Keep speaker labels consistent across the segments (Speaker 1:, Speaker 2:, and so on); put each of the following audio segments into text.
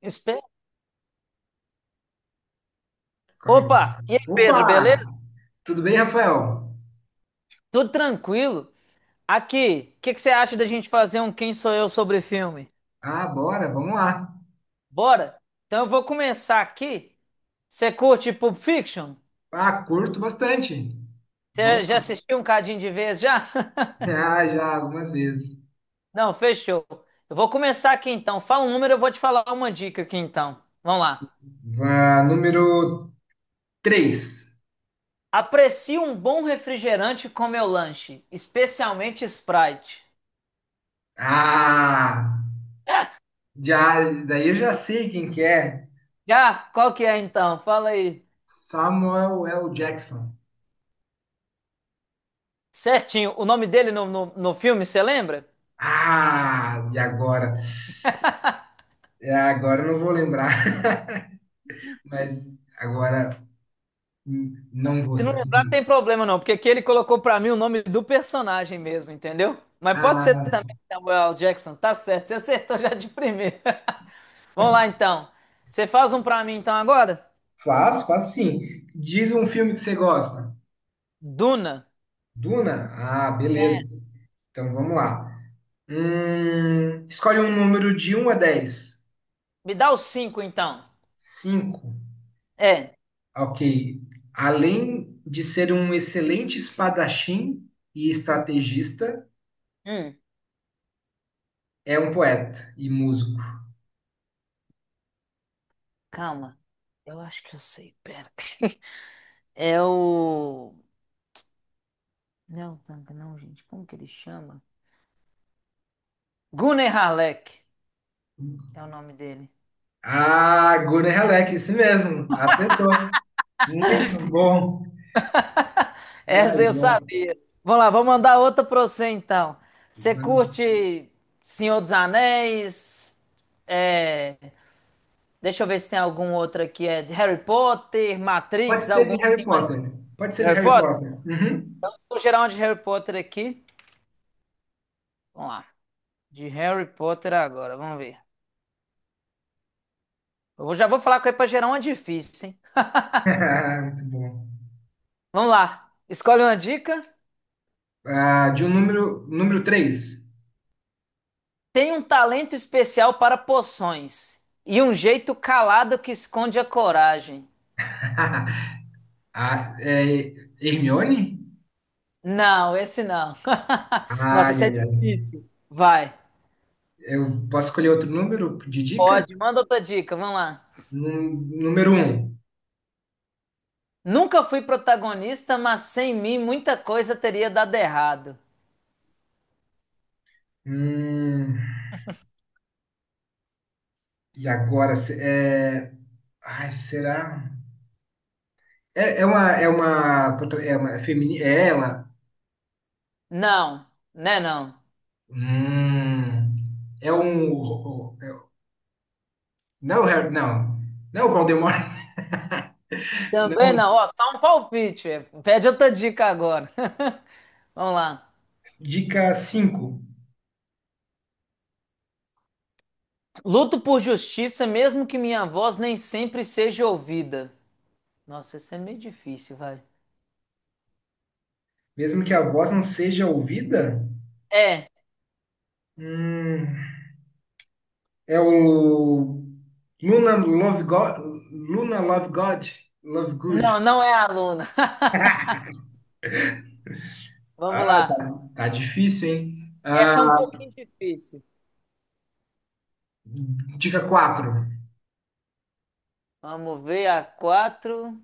Speaker 1: Espe-
Speaker 2: Comigo.
Speaker 1: Opa! E aí,
Speaker 2: Opa!
Speaker 1: Pedro, beleza?
Speaker 2: Tudo bem, Rafael?
Speaker 1: Tudo tranquilo? Aqui, o que que você acha da gente fazer um Quem Sou Eu sobre filme?
Speaker 2: Ah, bora, vamos lá.
Speaker 1: Bora? Então eu vou começar aqui. Você curte Pulp Fiction?
Speaker 2: Ah, curto bastante. Vamos
Speaker 1: Você já
Speaker 2: lá.
Speaker 1: assistiu um cadinho de vez já?
Speaker 2: Ah, já algumas vezes.
Speaker 1: Não, fechou. Eu vou começar aqui então. Fala um número, eu vou te falar uma dica aqui então. Vamos lá.
Speaker 2: Vá, número 3.
Speaker 1: Aprecio um bom refrigerante com meu lanche, especialmente Sprite.
Speaker 2: Ah, já, daí eu já sei quem que é.
Speaker 1: Já? Qual que é então? Fala aí.
Speaker 2: Samuel L. Jackson.
Speaker 1: Certinho. O nome dele no filme, você lembra?
Speaker 2: Ah, e agora? É, agora eu não vou lembrar. Mas agora não vou.
Speaker 1: Se não lembrar, tem problema não, porque aqui ele colocou pra mim o nome do personagem mesmo, entendeu? Mas pode ser
Speaker 2: Ah,
Speaker 1: também Samuel L. Jackson, tá certo, você acertou já de primeira. Vamos lá então. Você faz um pra mim então agora?
Speaker 2: faço, faço sim. Diz um filme que você gosta.
Speaker 1: Duna.
Speaker 2: Duna? Ah,
Speaker 1: É.
Speaker 2: beleza. Então vamos lá. Escolhe um número de um a 10.
Speaker 1: Me dá os cinco então.
Speaker 2: 5.
Speaker 1: É.
Speaker 2: Ok. Além de ser um excelente espadachim e
Speaker 1: Hum,
Speaker 2: estrategista,
Speaker 1: hum,
Speaker 2: é um poeta e músico.
Speaker 1: calma. Eu acho que eu sei, pera. É o. Não, não, não, gente, como que ele chama? Gunnar Halleck é o nome dele.
Speaker 2: Ah, Gunnar Halleck, isso mesmo. Acertou. Muito bom. Mais
Speaker 1: Essa eu
Speaker 2: um.
Speaker 1: sabia. Vamos lá, vou mandar outra pra você então. Você
Speaker 2: Mano.
Speaker 1: curte Senhor dos Anéis? É, deixa eu ver se tem algum outro aqui. É de Harry Potter,
Speaker 2: Pode
Speaker 1: Matrix,
Speaker 2: ser
Speaker 1: algum
Speaker 2: de Harry
Speaker 1: assim mais.
Speaker 2: Potter. Pode ser
Speaker 1: De
Speaker 2: de
Speaker 1: Harry
Speaker 2: Harry
Speaker 1: Potter?
Speaker 2: Potter. Uhum.
Speaker 1: Vou gerar um de Harry Potter aqui. Vamos lá. De Harry Potter agora, vamos ver. Já vou falar com ele pra gerar uma difícil, hein?
Speaker 2: Muito bom.
Speaker 1: Vamos lá. Escolhe uma dica.
Speaker 2: Ah, de um número, número 3.
Speaker 1: Tem um talento especial para poções e um jeito calado que esconde a coragem.
Speaker 2: Ah, é Hermione?
Speaker 1: Não, esse não. Nossa,
Speaker 2: Ai,
Speaker 1: esse é
Speaker 2: ai, ai.
Speaker 1: difícil. Vai.
Speaker 2: Eu posso escolher outro número de dica?
Speaker 1: Pode, manda outra dica, vamos lá.
Speaker 2: Número um.
Speaker 1: Nunca fui protagonista, mas sem mim muita coisa teria dado errado.
Speaker 2: Hum, e agora? É... Ai, será? É uma feminina? É ela?
Speaker 1: Não, né não.
Speaker 2: Hum, é um... Não, é o não. Não é o Voldemort. Não.
Speaker 1: Também não, ó, só um palpite. É. Pede outra dica agora. Vamos lá.
Speaker 2: Dica 5.
Speaker 1: Luto por justiça, mesmo que minha voz nem sempre seja ouvida. Nossa, isso é meio difícil, vai.
Speaker 2: Mesmo que a voz não seja ouvida?
Speaker 1: É,
Speaker 2: Hum... É o Luna Love God, Luna Love God, Love
Speaker 1: não,
Speaker 2: Good.
Speaker 1: não é aluna. Vamos
Speaker 2: Ah,
Speaker 1: lá.
Speaker 2: tá difícil, hein?
Speaker 1: Essa é um
Speaker 2: Ah,
Speaker 1: pouquinho difícil.
Speaker 2: dica quatro.
Speaker 1: Vamos ver a quatro.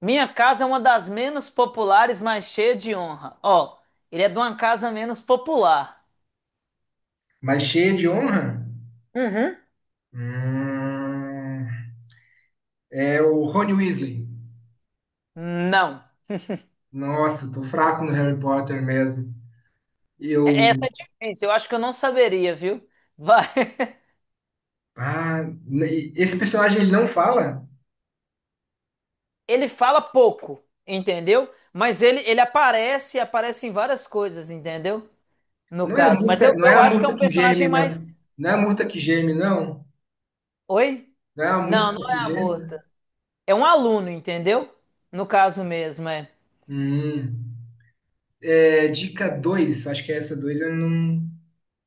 Speaker 1: Minha casa é uma das menos populares, mas cheia de honra. Ó, ele é de uma casa menos popular.
Speaker 2: Mas cheia de honra?
Speaker 1: Uhum.
Speaker 2: Hum, é o Rony Weasley.
Speaker 1: Não.
Speaker 2: Nossa, tô fraco no Harry Potter mesmo.
Speaker 1: É, essa
Speaker 2: Eu.
Speaker 1: é difícil, eu acho que eu não saberia, viu? Vai.
Speaker 2: Ah, esse personagem ele não fala?
Speaker 1: Ele fala pouco, entendeu? Mas ele aparece, aparece em várias coisas, entendeu? No
Speaker 2: Não é a
Speaker 1: caso. Mas eu,
Speaker 2: murta, não é
Speaker 1: eu
Speaker 2: a
Speaker 1: acho que é
Speaker 2: murta
Speaker 1: um
Speaker 2: que geme,
Speaker 1: personagem mais.
Speaker 2: não. Não é a murta que geme, não.
Speaker 1: Oi?
Speaker 2: Não é a
Speaker 1: Não, não
Speaker 2: murta que
Speaker 1: é a
Speaker 2: geme.
Speaker 1: morta. É um aluno, entendeu? No caso mesmo, é.
Speaker 2: Hum. É, dica 2, acho que é essa 2 eu não.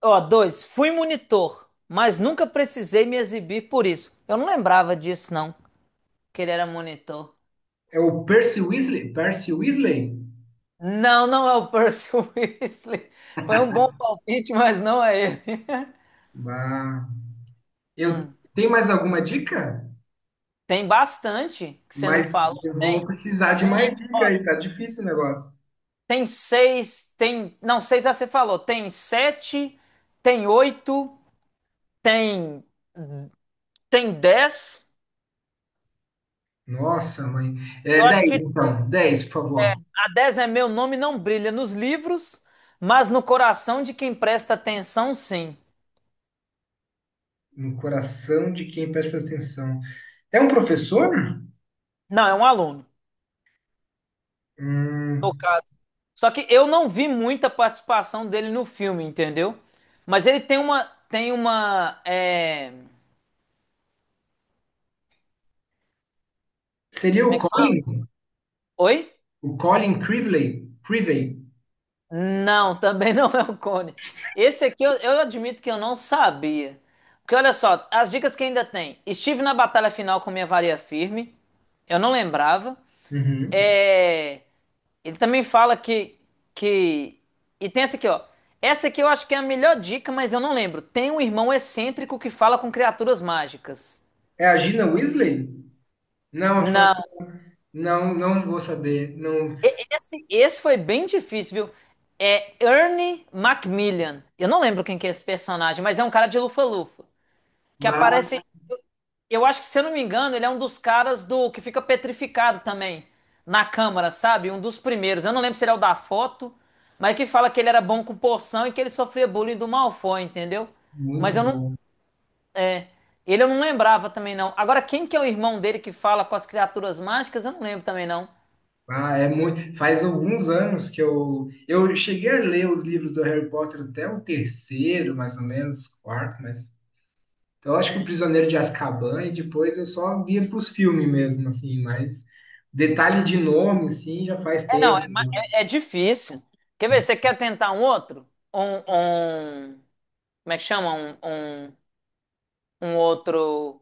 Speaker 1: Ó, dois, fui monitor, mas nunca precisei me exibir por isso. Eu não lembrava disso, não, que ele era monitor.
Speaker 2: É o Percy Weasley? Percy Weasley?
Speaker 1: Não, não é o Percy Weasley. Foi um bom palpite, mas não é ele.
Speaker 2: Ah, eu
Speaker 1: Hum,
Speaker 2: tenho mais alguma dica?
Speaker 1: tem bastante que você não
Speaker 2: Mas
Speaker 1: falou.
Speaker 2: eu vou precisar de mais
Speaker 1: Tem,
Speaker 2: dica aí, tá difícil o negócio.
Speaker 1: tem seis, tem. Não, seis já você falou. Tem sete, tem oito, tem, tem dez.
Speaker 2: Nossa, mãe. É
Speaker 1: Eu acho
Speaker 2: 10,
Speaker 1: que
Speaker 2: então. 10, por favor.
Speaker 1: a 10 é meu nome, não brilha nos livros, mas no coração de quem presta atenção, sim.
Speaker 2: No coração de quem presta atenção. É um professor?
Speaker 1: Não, é um aluno, no
Speaker 2: Hum,
Speaker 1: caso. Só que eu não vi muita participação dele no filme, entendeu? Mas ele tem uma, é, como
Speaker 2: seria o
Speaker 1: é que fala?
Speaker 2: Colin?
Speaker 1: Oi?
Speaker 2: O Colin Creevey? Creevey.
Speaker 1: Não, também não é o Cone. Esse aqui eu admito que eu não sabia. Porque olha só, as dicas que ainda tem. Estive na batalha final com minha varia firme. Eu não lembrava.
Speaker 2: Uhum.
Speaker 1: É, ele também fala que, que. E tem essa aqui, ó. Essa aqui eu acho que é a melhor dica, mas eu não lembro. Tem um irmão excêntrico que fala com criaturas mágicas.
Speaker 2: É a Gina Weasley? Não, acho que
Speaker 1: Não.
Speaker 2: assim, não, não vou saber. Não.
Speaker 1: Esse foi bem difícil, viu? É Ernie Macmillan. Eu não lembro quem que é esse personagem, mas é um cara de lufa-lufa. Que
Speaker 2: Bah,
Speaker 1: aparece. Eu acho que, se eu não me engano, ele é um dos caras do que fica petrificado também na Câmara, sabe? Um dos primeiros. Eu não lembro se ele é o da foto, mas que fala que ele era bom com porção e que ele sofria bullying do Malfoy, entendeu? Mas
Speaker 2: muito
Speaker 1: eu não.
Speaker 2: bom.
Speaker 1: É, ele eu não lembrava também, não. Agora, quem que é o irmão dele que fala com as criaturas mágicas? Eu não lembro também, não.
Speaker 2: Ah, é muito. Faz alguns anos que eu cheguei a ler os livros do Harry Potter até o terceiro, mais ou menos, quarto, mas então, eu acho que o Prisioneiro de Azkaban e depois eu só via para os filmes mesmo, assim, mas detalhe de nome, sim, já faz
Speaker 1: É, não, é,
Speaker 2: tempo, né?
Speaker 1: é difícil. Quer ver? Você quer tentar um outro? Como é que chama? Um outro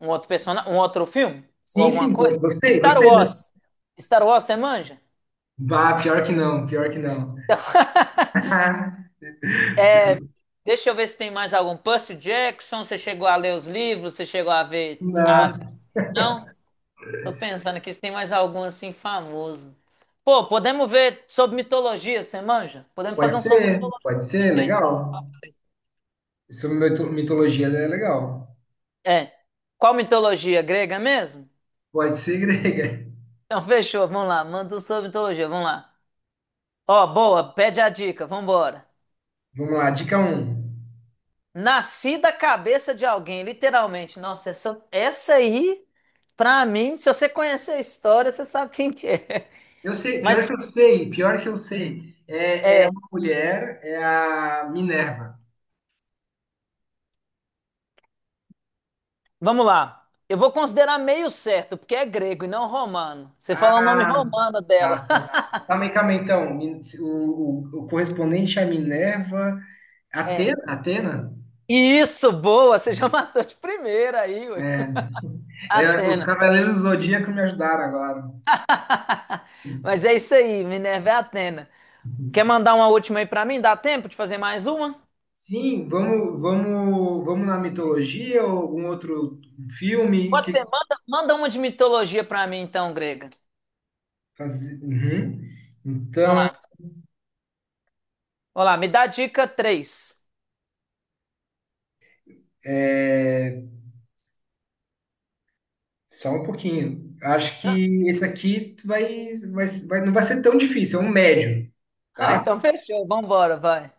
Speaker 1: um outro personagem, um outro filme ou
Speaker 2: Sim,
Speaker 1: alguma
Speaker 2: sim,
Speaker 1: coisa?
Speaker 2: gostei,
Speaker 1: Star
Speaker 2: gostei dessa.
Speaker 1: Wars. Star Wars, você manja?
Speaker 2: Bah, pior que não, pior que não.
Speaker 1: É, deixa eu ver se tem mais algum. Percy Jackson, você chegou a ler os livros? Você chegou a ver as...
Speaker 2: Não.
Speaker 1: Não? Tô pensando aqui se tem mais algum assim famoso. Pô, podemos ver sobre mitologia, você manja? Podemos fazer um sobre mitologia.
Speaker 2: Pode ser,
Speaker 1: Hein?
Speaker 2: legal. Sobre mitologia é legal.
Speaker 1: É. Qual mitologia? Grega mesmo?
Speaker 2: Pode ser grega.
Speaker 1: Então fechou, vamos lá. Manda um sobre mitologia, vamos lá. Ó, boa, pede a dica, vambora.
Speaker 2: Vamos lá, dica um.
Speaker 1: Nasci da cabeça de alguém, literalmente. Nossa, essa aí, pra mim, se você conhecer a história, você sabe quem que é.
Speaker 2: Eu sei, pior
Speaker 1: Mas,
Speaker 2: que eu sei, pior que eu sei. É, é
Speaker 1: é,
Speaker 2: uma mulher, é a Minerva.
Speaker 1: vamos lá. Eu vou considerar meio certo, porque é grego e não romano. Você fala o nome
Speaker 2: Ah,
Speaker 1: romano dela.
Speaker 2: tá. Calma aí, então. O correspondente é a Minerva.
Speaker 1: É.
Speaker 2: Atena? Atena?
Speaker 1: Isso, boa, você já matou de primeira aí, ué.
Speaker 2: É, os
Speaker 1: Atena.
Speaker 2: Cavaleiros do Zodíaco me ajudaram agora.
Speaker 1: Mas é isso aí, Minerva é Atena. Quer mandar uma última aí pra mim? Dá tempo de fazer mais uma?
Speaker 2: Sim, vamos, vamos, vamos na mitologia ou algum outro filme?
Speaker 1: Pode
Speaker 2: Que
Speaker 1: ser, manda, manda uma de mitologia pra mim então, grega.
Speaker 2: Uhum.
Speaker 1: Vamos
Speaker 2: Então,
Speaker 1: lá. Vamos lá, me dá a dica três.
Speaker 2: é, só um pouquinho. Acho que esse aqui tu vai não vai ser tão difícil, é um médio,
Speaker 1: Ah, então
Speaker 2: tá?
Speaker 1: fechou, vambora, vai.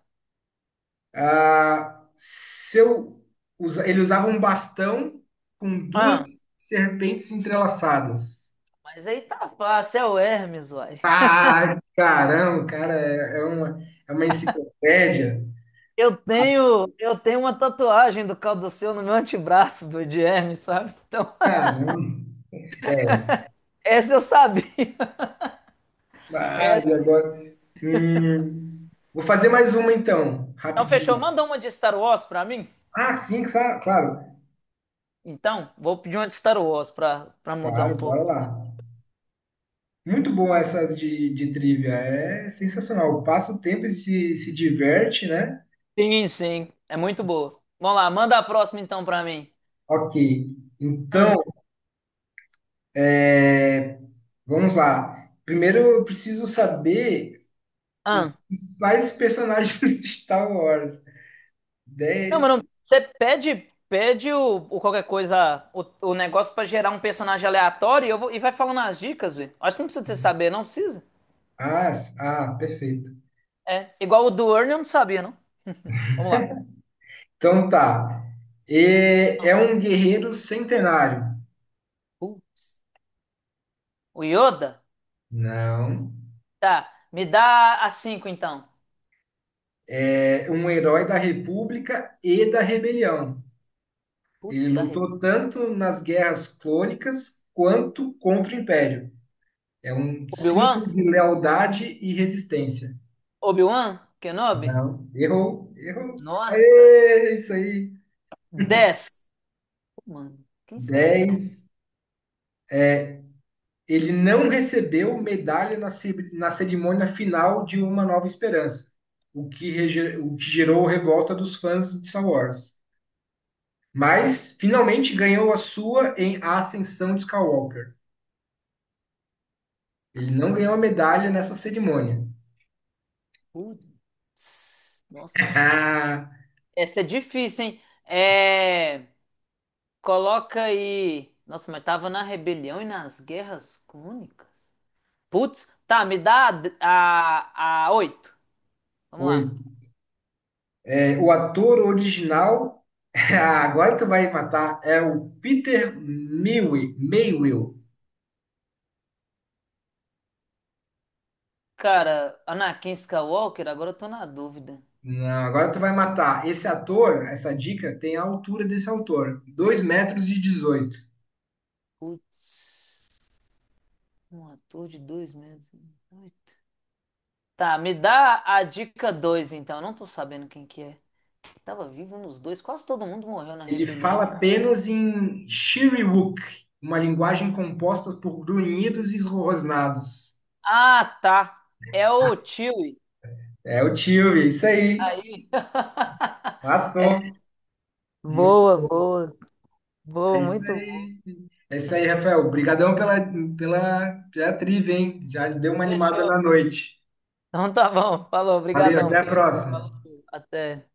Speaker 2: Ah, se eu ele usava um bastão com duas
Speaker 1: Ah,
Speaker 2: serpentes entrelaçadas.
Speaker 1: mas aí tá fácil, é o Hermes, uai.
Speaker 2: Ah, caramba, cara, é uma enciclopédia.
Speaker 1: Eu tenho uma tatuagem do Calduceu no meu antebraço do de Hermes, sabe? Então,
Speaker 2: Caramba.
Speaker 1: essa eu sabia.
Speaker 2: Ah,
Speaker 1: Essa-
Speaker 2: e agora? Vou fazer mais uma então,
Speaker 1: Então fechou,
Speaker 2: rapidinho.
Speaker 1: manda uma de Star Wars pra mim.
Speaker 2: Ah, sim, claro.
Speaker 1: Então, vou pedir uma de Star Wars pra mudar
Speaker 2: Claro,
Speaker 1: um pouco.
Speaker 2: bora lá. Muito bom essas de trivia. É sensacional. Passa o tempo e se diverte, né?
Speaker 1: Sim, sim, é muito boa. Vamos lá, manda a próxima então pra mim.
Speaker 2: Ok.
Speaker 1: Hum,
Speaker 2: Então, é, vamos lá. Primeiro eu preciso saber os
Speaker 1: hum.
Speaker 2: mais personagens de Star Wars.
Speaker 1: Não,
Speaker 2: 10...
Speaker 1: mano, você pede, pede o qualquer coisa, o negócio pra gerar um personagem aleatório eu vou, e vai falando as dicas, velho. Acho que não precisa de você saber, não precisa.
Speaker 2: Ah, ah, perfeito.
Speaker 1: É, igual o do Ernie eu não sabia, não. Vamos lá.
Speaker 2: Então tá. É um guerreiro centenário.
Speaker 1: Putz, o Yoda?
Speaker 2: Não.
Speaker 1: Tá, me dá a cinco, então.
Speaker 2: É um herói da República e da Rebelião. Ele
Speaker 1: Putz, dá re...
Speaker 2: lutou tanto nas guerras clônicas quanto contra o Império. É um símbolo
Speaker 1: Obi-Wan?
Speaker 2: de lealdade e resistência.
Speaker 1: Obi-Wan? Kenobi?
Speaker 2: Não, errou, errou.
Speaker 1: Nossa,
Speaker 2: Aê, isso aí.
Speaker 1: 10. Mano, quem será então?
Speaker 2: 10. Ele não recebeu medalha na cerimônia final de Uma Nova Esperança, o que gerou revolta dos fãs de Star Wars. Mas finalmente ganhou a sua em A Ascensão de Skywalker. Ele
Speaker 1: Calma
Speaker 2: não
Speaker 1: aí.
Speaker 2: ganhou a medalha nessa cerimônia.
Speaker 1: Putz, nossa, eu acho que... é, essa é difícil, hein? É... Coloca aí. Nossa, mas tava na rebelião e nas guerras crônicas. Putz, tá, me dá a 8. Vamos
Speaker 2: Oi.
Speaker 1: lá.
Speaker 2: É, o ator original, ah, agora tu vai matar, é o Peter Mayhew.
Speaker 1: Cara, Anakin Skywalker, agora eu tô na dúvida.
Speaker 2: Não, agora tu vai matar. Esse ator, essa dica, tem a altura desse autor, 2,18 m.
Speaker 1: Putz, um ator de dois meses. Oito. Tá, me dá a dica 2, então. Eu não tô sabendo quem que é. Tava vivo nos dois, quase todo mundo morreu na
Speaker 2: Ele
Speaker 1: rebelião.
Speaker 2: fala apenas em Shiriwook, uma linguagem composta por grunhidos e esrosnados.
Speaker 1: Ah, tá. É o Chewie.
Speaker 2: É o tio, isso aí.
Speaker 1: Aí. É.
Speaker 2: Matou.
Speaker 1: Boa, boa,
Speaker 2: É
Speaker 1: boa,
Speaker 2: isso
Speaker 1: muito.
Speaker 2: aí. É isso aí, Rafael. Obrigadão pela trivia, hein? Já deu uma animada
Speaker 1: Fechou.
Speaker 2: na noite.
Speaker 1: Então tá bom. Falou.
Speaker 2: Valeu,
Speaker 1: Obrigadão,
Speaker 2: até a
Speaker 1: filho. Falou.
Speaker 2: próxima.
Speaker 1: Até.